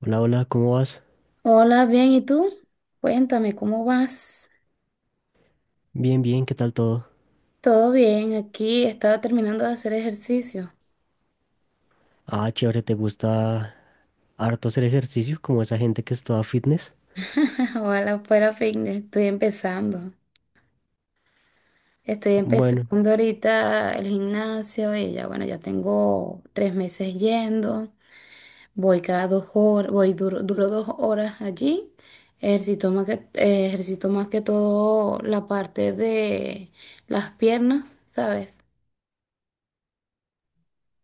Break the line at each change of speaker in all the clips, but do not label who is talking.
Hola, hola, ¿cómo vas?
Hola, bien, ¿y tú? Cuéntame, ¿cómo vas?
Bien, bien, ¿qué tal todo?
Todo bien, aquí estaba terminando de hacer ejercicio.
Ah, chévere, ¿te gusta harto hacer ejercicio como esa gente que es toda fitness?
Ojalá fuera fitness, estoy empezando. Estoy
Bueno,
empezando ahorita el gimnasio y ya, bueno, ya tengo 3 meses yendo. Voy cada 2 horas, voy duro, duro 2 horas allí. Ejercito más que todo la parte de las piernas, ¿sabes?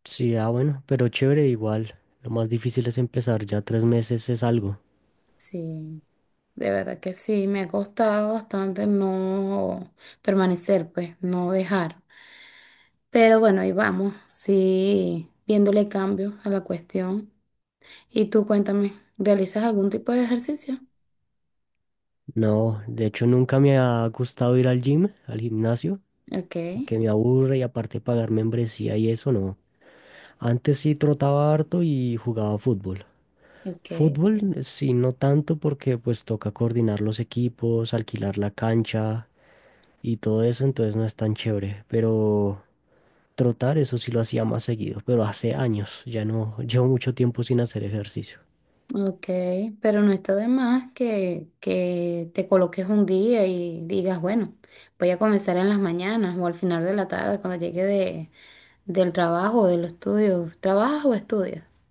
sí, ah, bueno, pero chévere igual. Lo más difícil es empezar, ya 3 meses es algo.
Sí. De verdad que sí, me ha costado bastante no permanecer, pues, no dejar. Pero bueno, ahí vamos, sí, viéndole cambios a la cuestión. Y tú cuéntame, ¿realizas algún tipo de ejercicio?
No, de hecho nunca me ha gustado ir al gym, al gimnasio,
Ok,
que me aburre y aparte pagar membresía y eso no. Antes sí trotaba harto y jugaba fútbol.
ok,
Fútbol, sí, no tanto porque pues toca coordinar los equipos, alquilar la cancha y todo eso, entonces no es tan chévere. Pero trotar, eso sí lo hacía más seguido, pero hace años, ya no, llevo mucho tiempo sin hacer ejercicio.
ok, pero no está de más que te coloques un día y digas, bueno, voy a comenzar en las mañanas o al final de la tarde cuando llegue del trabajo o de los estudios. ¿Trabajas o estudias?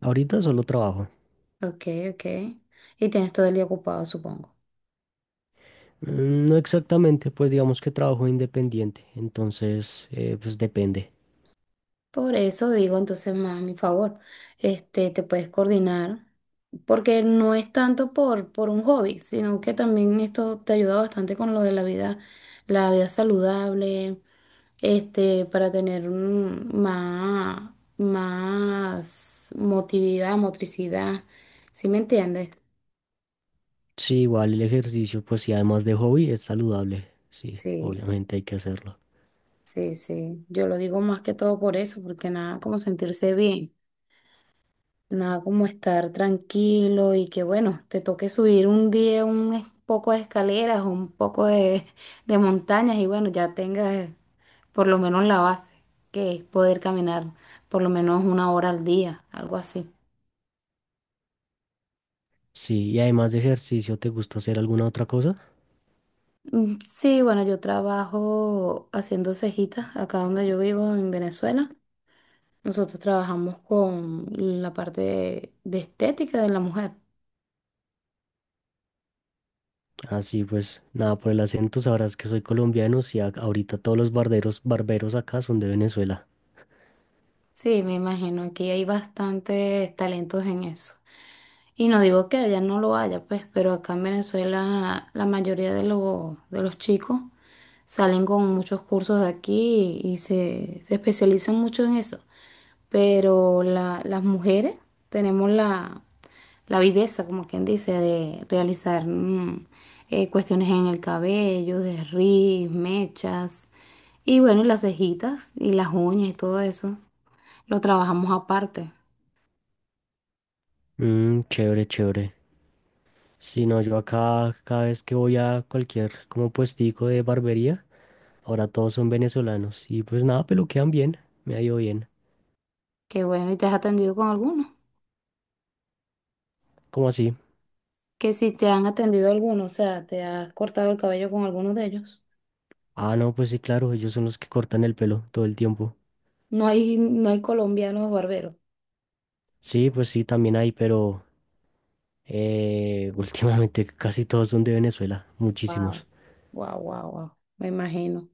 Ahorita solo trabajo.
Ok, ok. Y tienes todo el día ocupado, supongo.
No exactamente, pues digamos que trabajo independiente, entonces pues depende.
Por eso digo, entonces, más a mi favor, este, te puedes coordinar, porque no es tanto por un hobby, sino que también esto te ayuda bastante con lo de la vida saludable, este, para tener más motricidad, ¿sí me entiendes?
Sí, igual el ejercicio, pues sí, además de hobby, es saludable. Sí,
Sí,
obviamente hay que hacerlo.
sí, sí. Yo lo digo más que todo por eso, porque nada como sentirse bien. Nada como estar tranquilo y que bueno, te toque subir un día un poco de escaleras o un poco de, de montañas y bueno, ya tengas por lo menos la base, que es poder caminar por lo menos 1 hora al día, algo así.
Sí, y además de ejercicio, ¿te gusta hacer alguna otra cosa?
Mm, sí, bueno, yo trabajo haciendo cejitas acá donde yo vivo en Venezuela. Nosotros trabajamos con la parte de estética de la mujer.
Así pues, nada, por el acento sabrás que soy colombiano, sí, ahorita todos los barberos acá son de Venezuela.
Sí, me imagino que hay bastantes talentos en eso. Y no digo que allá no lo haya, pues, pero acá en Venezuela la mayoría de los chicos salen con muchos cursos de aquí y se especializan mucho en eso. Pero la- las mujeres tenemos la viveza, como quien dice, de realizar cuestiones en el cabello, desriz, mechas, y bueno, y las cejitas y las uñas y todo eso. Lo trabajamos aparte.
Chévere, chévere. Si no, yo acá cada vez que voy a cualquier como puestico de barbería, ahora todos son venezolanos y pues nada, peluquean bien, me ha ido bien.
Qué bueno, ¿y te has atendido con alguno?
¿Cómo así?
Que si te han atendido alguno, o sea, te has cortado el cabello con alguno de ellos.
Ah, no, pues sí, claro, ellos son los que cortan el pelo todo el tiempo.
No hay, no hay colombianos barberos.
Sí, pues sí, también hay, pero últimamente casi todos son de Venezuela,
Wow,
muchísimos.
wow, wow, wow. Me imagino.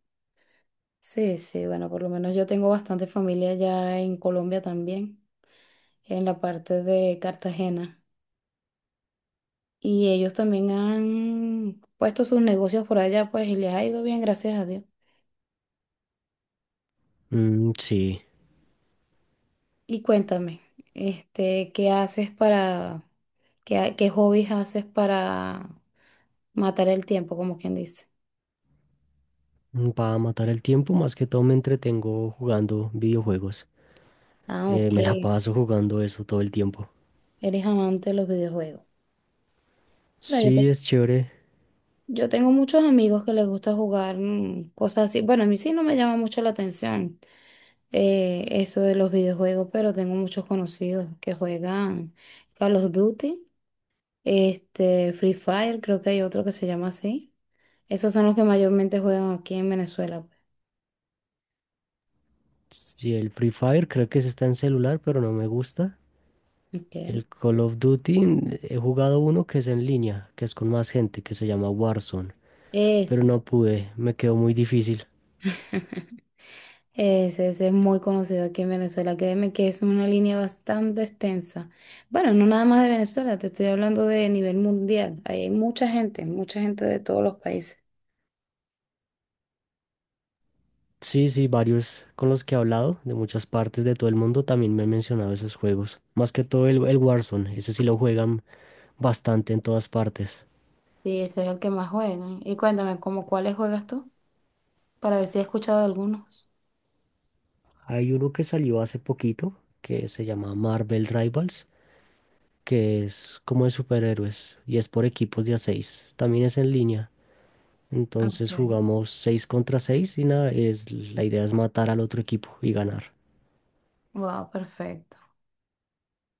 Sí, sí, bueno, por lo menos yo tengo bastante familia ya en Colombia también, en la parte de Cartagena. Y ellos también han puesto sus negocios por allá, pues, y les ha ido bien, gracias a Dios.
Mm, sí,
Y cuéntame, este, ¿ qué hobbies haces para matar el tiempo, como quien dice?
para matar el tiempo más que todo me entretengo jugando videojuegos.
Ah, ok.
Me la paso jugando eso todo el tiempo.
Eres amante de los videojuegos. Pero
Sí, es chévere.
yo tengo muchos amigos que les gusta jugar mm, cosas así. Bueno, a mí sí no me llama mucho la atención eso de los videojuegos, pero tengo muchos conocidos que juegan Call of Duty, este, Free Fire, creo que hay otro que se llama así. Esos son los que mayormente juegan aquí en Venezuela.
Sí, el Free Fire creo que se está en celular, pero no me gusta.
Pues. Ok.
El Call of Duty he jugado uno que es en línea, que es con más gente, que se llama Warzone, pero
Ese.
no pude, me quedó muy difícil.
Ese es muy conocido aquí en Venezuela. Créeme que es una línea bastante extensa. Bueno, no nada más de Venezuela, te estoy hablando de nivel mundial. Ahí hay mucha gente de todos los países.
Sí, sí, varios con los que he hablado de muchas partes de todo el mundo también me han mencionado esos juegos. Más que todo el Warzone, ese sí lo juegan bastante en todas partes.
Sí, ese es el que más juegan. Y cuéntame, ¿cómo cuáles juegas tú? Para ver si he escuchado de algunos.
Hay uno que salió hace poquito que se llama Marvel Rivals, que es como de superhéroes y es por equipos de a 6. También es en línea. Entonces
Okay.
jugamos 6 contra 6 y nada, la idea es matar al otro equipo y ganar.
Wow, perfecto.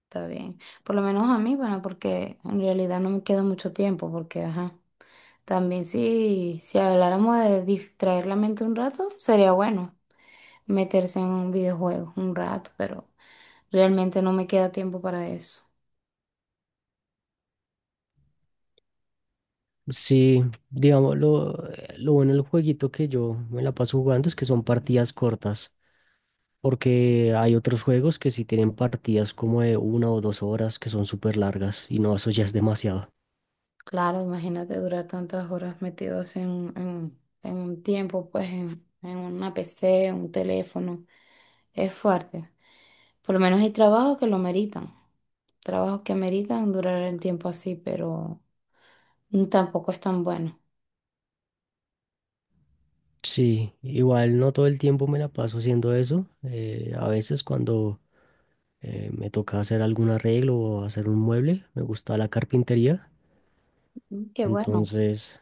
Está bien. Por lo menos a mí, bueno, porque en realidad no me queda mucho tiempo, porque, ajá. También si habláramos de distraer la mente un rato, sería bueno. Meterse en un videojuego un rato, pero realmente no me queda tiempo para eso.
Sí, digamos, lo bueno del jueguito que yo me la paso jugando es que son partidas cortas, porque hay otros juegos que sí tienen partidas como de 1 o 2 horas que son súper largas y no, eso ya es demasiado.
Claro, imagínate durar tantas horas metidos en un tiempo, pues en una PC, en un teléfono. Es fuerte. Por lo menos hay trabajos que lo meritan. Trabajos que meritan durar el tiempo así, pero tampoco es tan bueno.
Sí, igual no todo el tiempo me la paso haciendo eso. A veces cuando me toca hacer algún arreglo o hacer un mueble, me gusta la carpintería.
Mm, qué bueno.
Entonces,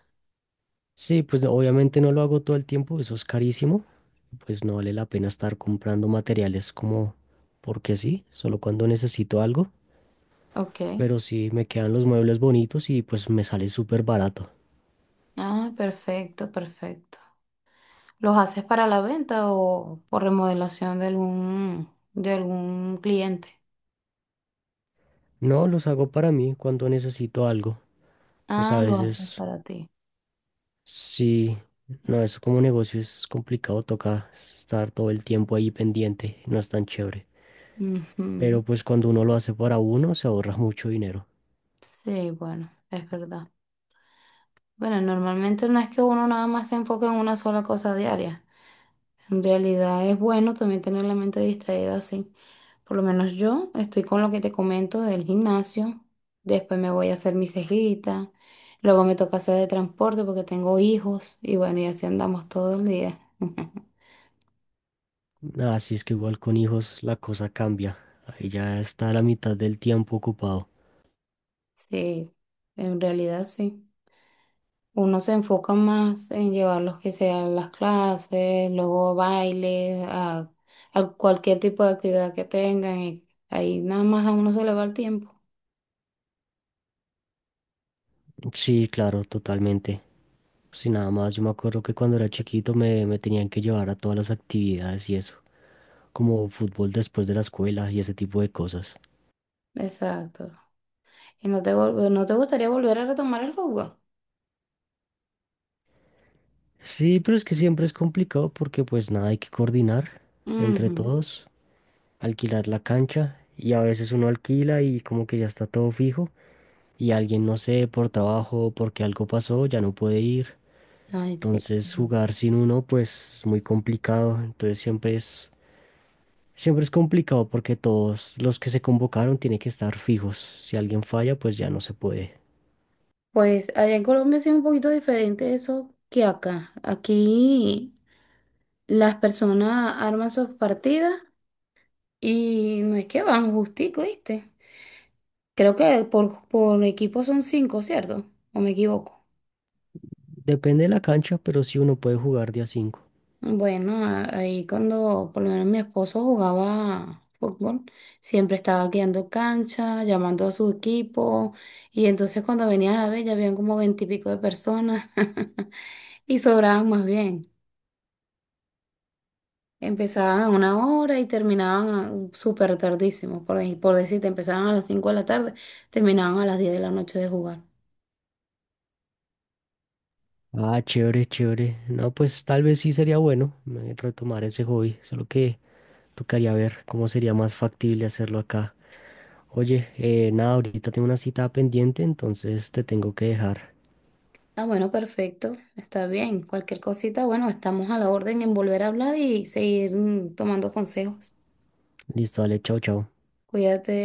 sí, pues obviamente no lo hago todo el tiempo, eso es carísimo. Pues no vale la pena estar comprando materiales como porque sí, solo cuando necesito algo.
Ok.
Pero sí me quedan los muebles bonitos y pues me sale súper barato.
Ah, perfecto, perfecto. ¿Los haces para la venta o por remodelación de algún cliente?
No, los hago para mí cuando necesito algo. Pues a
Ah, lo haces
veces
para ti.
sí, no, eso como negocio es complicado, toca estar todo el tiempo ahí pendiente, no es tan chévere.
Ujú.
Pero pues cuando uno lo hace para uno, se ahorra mucho dinero.
Sí, bueno, es verdad. Bueno, normalmente no es que uno nada más se enfoque en una sola cosa diaria. En realidad es bueno también tener la mente distraída así. Por lo menos yo estoy con lo que te comento del gimnasio. Después me voy a hacer mi cejita. Luego me toca hacer de transporte porque tengo hijos. Y bueno, y así andamos todo el día.
Así es que igual con hijos la cosa cambia. Ahí ya está la mitad del tiempo ocupado.
Sí, en realidad sí. Uno se enfoca más en llevarlos que sean las clases, luego bailes, a cualquier tipo de actividad que tengan y ahí nada más a uno se le va el tiempo.
Sí, claro, totalmente. Sí, nada más, yo me acuerdo que cuando era chiquito me tenían que llevar a todas las actividades y eso, como fútbol después de la escuela y ese tipo de cosas.
Exacto. ¿Y no te gustaría volver a retomar el fútbol?
Sí, pero es que siempre es complicado porque pues nada, hay que coordinar entre
Ujú.
todos, alquilar la cancha y a veces uno alquila y como que ya está todo fijo y alguien, no sé, por trabajo o porque algo pasó, ya no puede ir.
Ay, sí.
Entonces
Ujú.
jugar sin uno pues es muy complicado. Entonces siempre es complicado porque todos los que se convocaron tienen que estar fijos. Si alguien falla pues ya no se puede.
Pues allá en Colombia sí es un poquito diferente eso que acá. Aquí las personas arman sus partidas y no es que van justico, ¿viste? Creo que por equipo son 5, ¿cierto? ¿O me equivoco?
Depende de la cancha, pero sí uno puede jugar día 5.
Bueno, ahí cuando por lo menos mi esposo jugaba fútbol, siempre estaba guiando cancha, llamando a su equipo, y entonces cuando venías a ver ya habían como veintipico de personas y sobraban más bien. Empezaban a una hora y terminaban súper tardísimo, por decirte, empezaban a las 5 de la tarde, terminaban a las 10 de la noche de jugar.
Ah, chévere, chévere. No, pues tal vez sí sería bueno retomar ese hobby, solo que tocaría ver cómo sería más factible hacerlo acá. Oye, nada, ahorita tengo una cita pendiente, entonces te tengo que dejar.
Ah, bueno, perfecto, está bien. Cualquier cosita, bueno, estamos a la orden en volver a hablar y seguir tomando consejos.
Listo, dale, chao, chao.
Cuídate.